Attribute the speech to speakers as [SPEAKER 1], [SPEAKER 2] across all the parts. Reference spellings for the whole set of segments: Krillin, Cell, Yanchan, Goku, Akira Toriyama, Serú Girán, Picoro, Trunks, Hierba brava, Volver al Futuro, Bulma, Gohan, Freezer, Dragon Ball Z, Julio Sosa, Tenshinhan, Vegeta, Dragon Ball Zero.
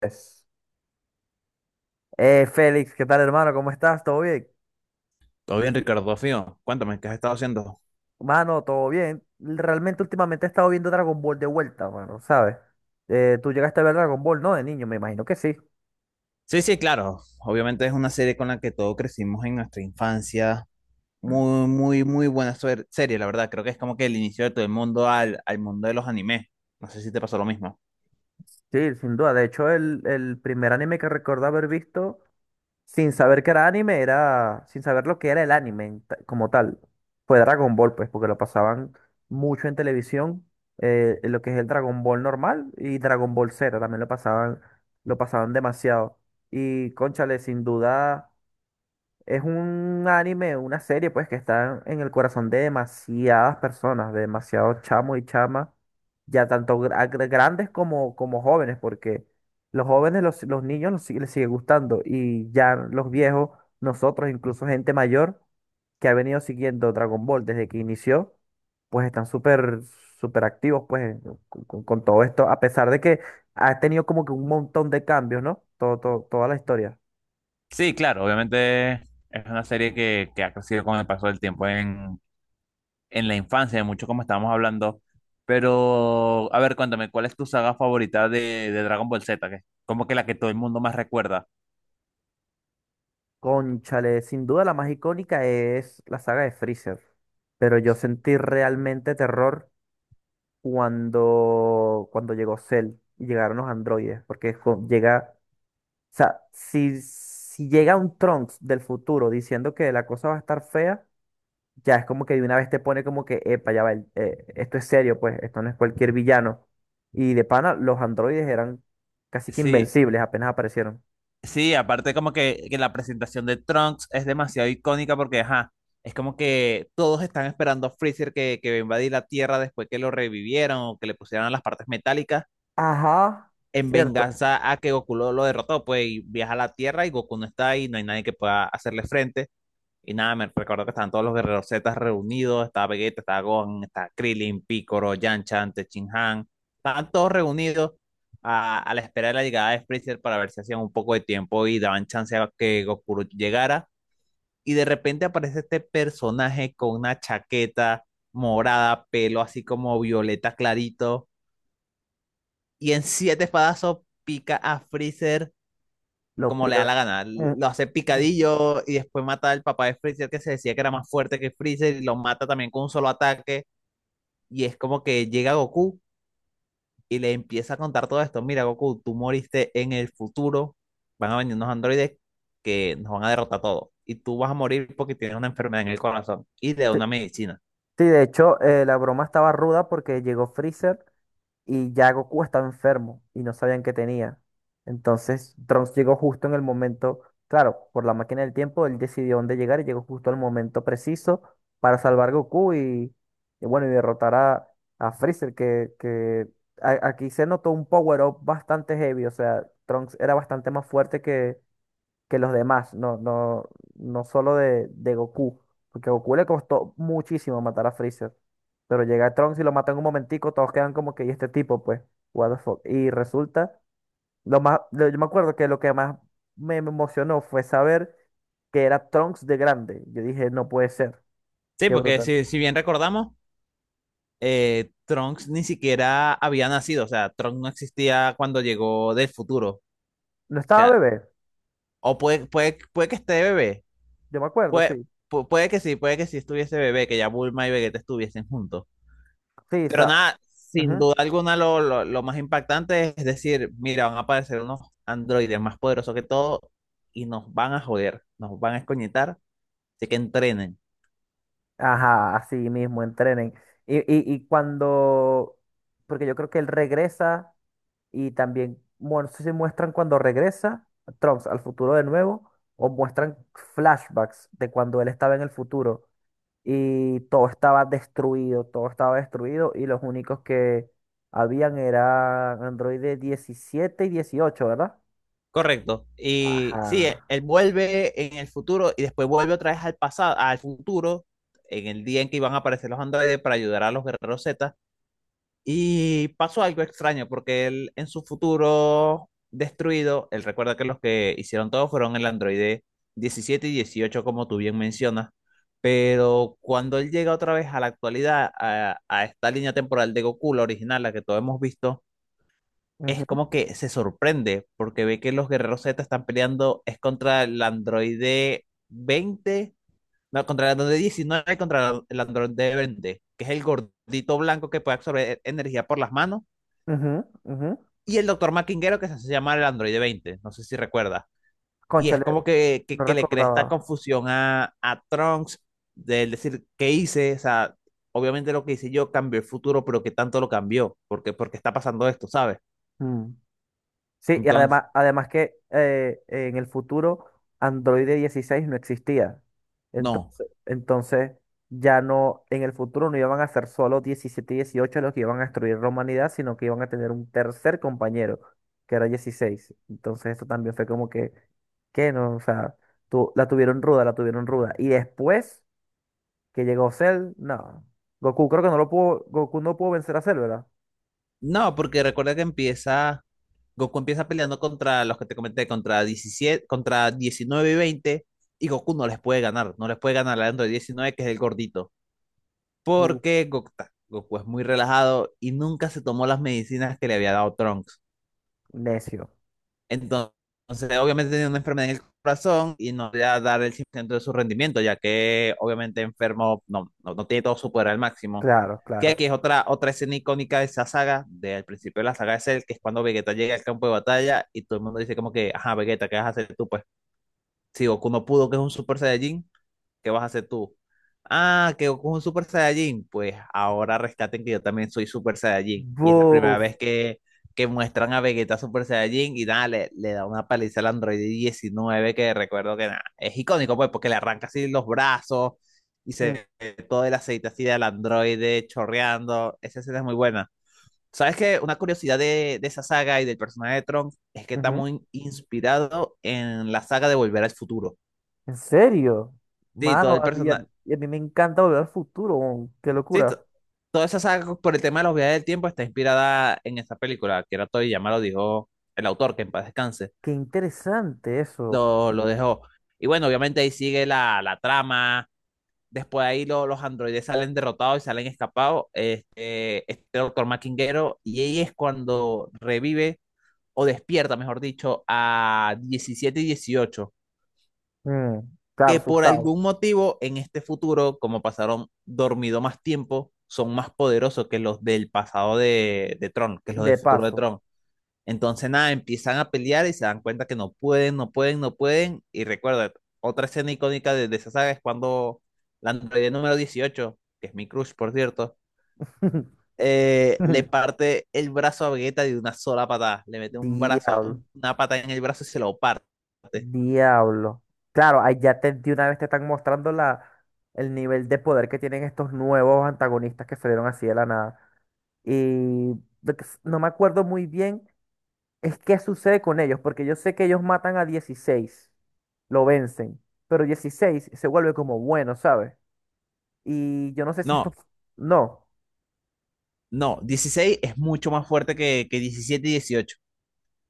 [SPEAKER 1] Es Félix, ¿qué tal, hermano? ¿Cómo estás? ¿Todo bien?
[SPEAKER 2] Todo bien, Ricardo, Dios mío. Cuéntame, ¿qué has estado haciendo?
[SPEAKER 1] Mano, todo bien. Realmente últimamente he estado viendo Dragon Ball de vuelta, mano, ¿sabes? Tú llegaste a ver Dragon Ball, ¿no? De niño, me imagino que sí.
[SPEAKER 2] Sí, sí, claro. Obviamente es una serie con la que todos crecimos en nuestra infancia.
[SPEAKER 1] Mm.
[SPEAKER 2] Muy, muy, muy buena serie, la verdad. Creo que es como que el inicio de todo el mundo al mundo de los animes. No sé si te pasó lo mismo.
[SPEAKER 1] Sí, sin duda. De hecho, el primer anime que recuerdo haber visto sin saber que era anime, sin saber lo que era el anime como tal. Fue Dragon Ball, pues, porque lo pasaban mucho en televisión, lo que es el Dragon Ball normal y Dragon Ball Zero, también lo pasaban demasiado. Y cónchale, sin duda. Es un anime, una serie, pues, que está en el corazón de demasiadas personas, de demasiados chamos y chamas, ya tanto grandes como, como jóvenes, porque los jóvenes, los niños les sigue gustando, y ya los viejos, nosotros, incluso gente mayor que ha venido siguiendo Dragon Ball desde que inició, pues están súper, súper activos, pues, con todo esto, a pesar de que ha tenido como que un montón de cambios, ¿no? Toda la historia.
[SPEAKER 2] Sí, claro, obviamente es una serie que ha crecido con el paso del tiempo en la infancia, mucho como estábamos hablando. Pero, a ver, cuéntame, ¿cuál es tu saga favorita de Dragon Ball Z? Que es como que la que todo el mundo más recuerda.
[SPEAKER 1] Cónchale, sin duda la más icónica es la saga de Freezer, pero yo sentí realmente terror cuando llegó Cell y llegaron los androides, porque o sea, si llega un Trunks del futuro diciendo que la cosa va a estar fea, ya es como que de una vez te pone como que, epa, ya va, esto es serio, pues, esto no es cualquier villano. Y de pana, los androides eran casi que
[SPEAKER 2] Sí,
[SPEAKER 1] invencibles, apenas aparecieron.
[SPEAKER 2] sí, aparte como que la presentación de Trunks es demasiado icónica porque, ajá, es como que todos están esperando a Freezer que va a invadir la Tierra después que lo revivieron o que le pusieron las partes metálicas
[SPEAKER 1] Ajá,
[SPEAKER 2] en
[SPEAKER 1] cierto,
[SPEAKER 2] venganza a que Goku lo derrotó, pues y viaja a la Tierra y Goku no está ahí, no hay nadie que pueda hacerle frente. Y nada, me recuerdo que estaban todos los guerreros Z reunidos, estaba Vegeta, estaba Gohan, estaba Krillin, Picoro, Yanchan, Tenshinhan, estaban todos reunidos a la espera de la llegada de Freezer para ver si hacían un poco de tiempo y daban chance a que Goku llegara. Y de repente aparece este personaje con una chaqueta morada, pelo así como violeta clarito, y en siete espadazos pica a Freezer
[SPEAKER 1] lo
[SPEAKER 2] como le da
[SPEAKER 1] pica.
[SPEAKER 2] la gana.
[SPEAKER 1] Mm.
[SPEAKER 2] Lo hace picadillo y después mata al papá de Freezer que se decía que era más fuerte que Freezer y lo mata también con un solo ataque. Y es como que llega Goku y le empieza a contar todo esto. Mira, Goku, tú moriste en el futuro. Van a venir unos androides que nos van a derrotar a todos. Y tú vas a morir porque tienes una enfermedad en el corazón y de
[SPEAKER 1] Sí,
[SPEAKER 2] una medicina.
[SPEAKER 1] sí, de hecho, la broma estaba ruda porque llegó Freezer y ya Goku estaba enfermo y no sabían qué tenía. Entonces, Trunks llegó justo en el momento, claro, por la máquina del tiempo, él decidió dónde llegar y llegó justo al momento preciso para salvar a Goku y bueno, y derrotar a Freezer, que aquí se notó un power up bastante heavy, o sea, Trunks era bastante más fuerte que los demás, no, no, no solo de Goku, porque a Goku le costó muchísimo matar a Freezer, pero llega Trunks y lo mata en un momentico, todos quedan como que, ¿y este tipo? Pues, what the fuck, y resulta, yo me acuerdo que lo que más me emocionó fue saber que era Trunks de grande, yo dije, no puede ser,
[SPEAKER 2] Sí,
[SPEAKER 1] qué
[SPEAKER 2] porque
[SPEAKER 1] brutal.
[SPEAKER 2] si bien recordamos, Trunks ni siquiera había nacido. O sea, Trunks no existía cuando llegó del futuro. O
[SPEAKER 1] No estaba
[SPEAKER 2] sea,
[SPEAKER 1] bebé,
[SPEAKER 2] o puede que esté de bebé,
[SPEAKER 1] yo me acuerdo,
[SPEAKER 2] Puede,
[SPEAKER 1] sí,
[SPEAKER 2] puede que sí, puede que sí estuviese bebé, que ya Bulma y Vegeta estuviesen juntos.
[SPEAKER 1] sí,
[SPEAKER 2] Pero
[SPEAKER 1] sa-
[SPEAKER 2] nada, sin
[SPEAKER 1] Ujú.
[SPEAKER 2] duda alguna lo más impactante es decir, mira, van a aparecer unos androides más poderosos que todo y nos van a joder, nos van a escoñetar, así que entrenen.
[SPEAKER 1] Ajá, así mismo, entrenen. Y cuando, porque yo creo que él regresa y también, bueno, no sé si muestran cuando regresa Trunks al futuro de nuevo o muestran flashbacks de cuando él estaba en el futuro y todo estaba destruido y los únicos que habían eran androides 17 y 18, ¿verdad?
[SPEAKER 2] Correcto. Y sí, e-
[SPEAKER 1] Ajá.
[SPEAKER 2] él vuelve en el futuro y después vuelve otra vez al pasado, al futuro, en el día en que iban a aparecer los androides para ayudar a los guerreros Z. Y pasó algo extraño porque él en su futuro destruido, él recuerda que los que hicieron todo fueron el androide 17 y 18 como tú bien mencionas, pero cuando él llega otra vez a la actualidad, a esta línea temporal de Goku, la original, la que todos hemos visto, es
[SPEAKER 1] Ujú,
[SPEAKER 2] como que se sorprende porque ve que los guerreros Z están peleando, es contra el androide 20 no, contra el androide 19 y contra el androide 20 que es el gordito blanco que puede absorber energía por las manos
[SPEAKER 1] ujú, ujú.
[SPEAKER 2] y el doctor Maquinguero que se hace llamar el androide 20, no sé si recuerda. Y es
[SPEAKER 1] Cónchale,
[SPEAKER 2] como que, que,
[SPEAKER 1] no
[SPEAKER 2] que le crea esta
[SPEAKER 1] recordaba.
[SPEAKER 2] confusión a Trunks de él decir, ¿qué hice? O sea, obviamente lo que hice yo cambió el futuro, pero ¿qué tanto lo cambió? Porque está pasando esto, ¿sabes?
[SPEAKER 1] Mm. Sí, y
[SPEAKER 2] Entonces,
[SPEAKER 1] además, además que en el futuro Android 16 no existía.
[SPEAKER 2] no.
[SPEAKER 1] Entonces ya no, en el futuro no iban a ser solo 17 y 18 los que iban a destruir la humanidad, sino que iban a tener un tercer compañero, que era 16. Entonces eso también fue como que no, o sea, la tuvieron ruda, la tuvieron ruda. Y después que llegó Cell, no. Goku creo que no lo pudo, Goku no pudo vencer a Cell, ¿verdad?
[SPEAKER 2] No, porque recuerda que empieza, Goku empieza peleando contra los que te comenté, contra 17, contra 19 y 20, y Goku no les puede ganar, no les puede ganar al Android 19 que es el gordito.
[SPEAKER 1] Buf,
[SPEAKER 2] Porque Goku, Goku es muy relajado y nunca se tomó las medicinas que le había dado Trunks.
[SPEAKER 1] necio.
[SPEAKER 2] Entonces, obviamente tenía una enfermedad en el corazón y no podía dar el 100% de su rendimiento, ya que obviamente enfermo no, no, no tiene todo su poder al máximo.
[SPEAKER 1] Claro,
[SPEAKER 2] Que
[SPEAKER 1] claro.
[SPEAKER 2] aquí es otra escena icónica de esa saga, del principio de la saga de Cell, que es cuando Vegeta llega al campo de batalla y todo el mundo dice como que, ajá, Vegeta, ¿qué vas a hacer tú? Pues si Goku no pudo, que es un Super Saiyajin, ¿qué vas a hacer tú? Ah, que Goku es un Super Saiyajin. Pues ahora rescaten que yo también soy Super Saiyajin. Y es la primera
[SPEAKER 1] Buf.
[SPEAKER 2] vez que muestran a Vegeta Super Saiyajin y nada, le da una paliza al Android 19 que recuerdo que nada, es icónico pues porque le arranca así los brazos y se ve todo el aceite así del androide chorreando. Esa escena es muy buena. ¿Sabes qué? Una curiosidad de esa saga y del personaje de Trunks es que está
[SPEAKER 1] Ujú.
[SPEAKER 2] muy inspirado en la saga de Volver al Futuro.
[SPEAKER 1] ¿En serio?
[SPEAKER 2] Sí, todo
[SPEAKER 1] Mano,
[SPEAKER 2] el personaje.
[SPEAKER 1] a mí me encanta volver al futuro. Weón. Qué
[SPEAKER 2] Sí,
[SPEAKER 1] locura.
[SPEAKER 2] toda esa saga por el tema de los viajes del tiempo está inspirada en esa película. Akira Toriyama lo dijo el autor, que en paz descanse,
[SPEAKER 1] Qué interesante eso.
[SPEAKER 2] lo dejó. Y bueno, obviamente ahí sigue la trama. Después ahí los androides salen derrotados y salen escapados. Este doctor Maquinguero, y ahí es cuando revive o despierta, mejor dicho, a 17 y 18
[SPEAKER 1] Mm, claro,
[SPEAKER 2] que por
[SPEAKER 1] asustado.
[SPEAKER 2] algún motivo en este futuro, como pasaron dormido más tiempo, son más poderosos que los del pasado de Tron, que los del
[SPEAKER 1] De
[SPEAKER 2] futuro de
[SPEAKER 1] paso.
[SPEAKER 2] Tron. Entonces, nada, empiezan a pelear y se dan cuenta que no pueden, no pueden, no pueden. Y recuerda, otra escena icónica de esa saga es cuando la androide número 18 que es mi crush, por cierto, le parte el brazo a Vegeta de una sola patada. Le mete un brazo,
[SPEAKER 1] Diablo.
[SPEAKER 2] una patada en el brazo y se lo parte.
[SPEAKER 1] Diablo. Claro, ahí ya te, de una vez te están mostrando la, el nivel de poder que tienen estos nuevos antagonistas que salieron así de la nada. Y no me acuerdo muy bien es que sucede con ellos, porque yo sé que ellos matan a 16, lo vencen, pero 16 se vuelve como bueno, ¿sabes? Y yo no sé si esto...
[SPEAKER 2] No,
[SPEAKER 1] No.
[SPEAKER 2] no, 16 es mucho más fuerte que 17 y 18.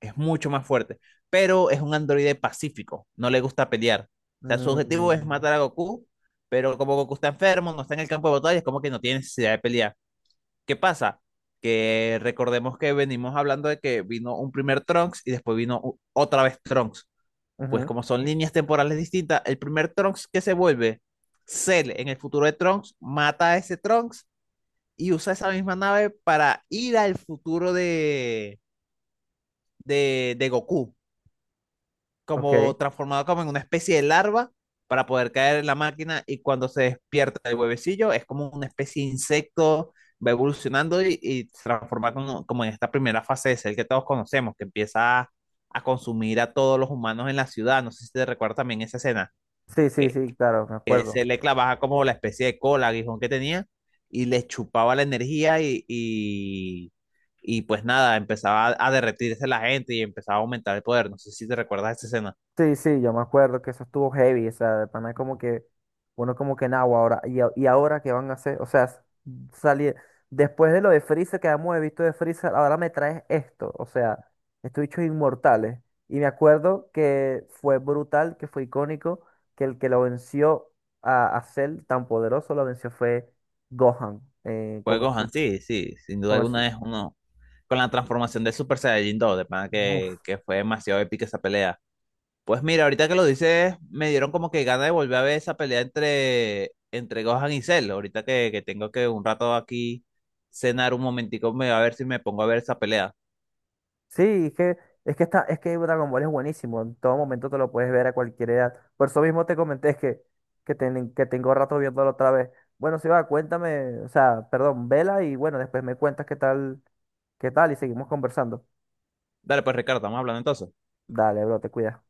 [SPEAKER 2] Es mucho más fuerte. Pero es un androide pacífico. No le gusta pelear. O sea, su objetivo es
[SPEAKER 1] Mm,
[SPEAKER 2] matar a Goku. Pero como Goku está enfermo, no está en el campo de batalla, es como que no tiene necesidad de pelear. ¿Qué pasa? Que recordemos que venimos hablando de que vino un primer Trunks y después vino otra vez Trunks. Pues
[SPEAKER 1] ujú,
[SPEAKER 2] como son líneas temporales distintas, el primer Trunks que se vuelve Cell en el futuro de Trunks mata a ese Trunks y usa esa misma nave para ir al futuro de Goku,
[SPEAKER 1] ok.
[SPEAKER 2] como transformado como en una especie de larva para poder caer en la máquina y cuando se despierta el huevecillo es como una especie de insecto, va evolucionando y se transforma como en esta primera fase de ser que todos conocemos, que empieza a consumir a todos los humanos en la ciudad. No sé si te recuerdas también esa escena,
[SPEAKER 1] Sí, sí,
[SPEAKER 2] que
[SPEAKER 1] sí, claro, me
[SPEAKER 2] que se
[SPEAKER 1] acuerdo.
[SPEAKER 2] le clavaba como la especie de cola, aguijón que tenía, y le chupaba la energía y pues nada, empezaba a derretirse la gente y empezaba a aumentar el poder. No sé si te recuerdas esa escena.
[SPEAKER 1] Sí, sí, yo me acuerdo que eso estuvo heavy, o sea, de pana como que uno como que nagua ahora, y ahora qué van a hacer, o sea, salir, después de lo de Freezer que hemos visto de Freezer, ahora me traes esto, o sea, estos bichos inmortales, y me acuerdo que fue brutal, que fue icónico, que el que lo venció a Cell tan poderoso, lo venció fue Gohan,
[SPEAKER 2] Fue Gohan, sí, sí, sin duda
[SPEAKER 1] con el,
[SPEAKER 2] alguna
[SPEAKER 1] su-
[SPEAKER 2] es uno. Con la transformación de Super Saiyajin 2, de pana que,
[SPEAKER 1] buf.
[SPEAKER 2] que fue demasiado épica esa pelea. Pues mira, ahorita que lo dices, me dieron como que ganas de volver a ver esa pelea entre Gohan y Cell. Ahorita que tengo que un rato aquí cenar un momentico, me voy a ver si me pongo a ver esa pelea.
[SPEAKER 1] Sí, es que está, es que Dragon Ball es buenísimo. En todo momento te lo puedes ver a cualquier edad. Por eso mismo te comenté que, que tengo rato viéndolo otra vez. Bueno, si va, cuéntame, o sea, perdón, vela y bueno, después me cuentas qué tal y seguimos conversando.
[SPEAKER 2] Dale, pues Ricardo, estamos hablando entonces.
[SPEAKER 1] Dale, bro, te cuidas.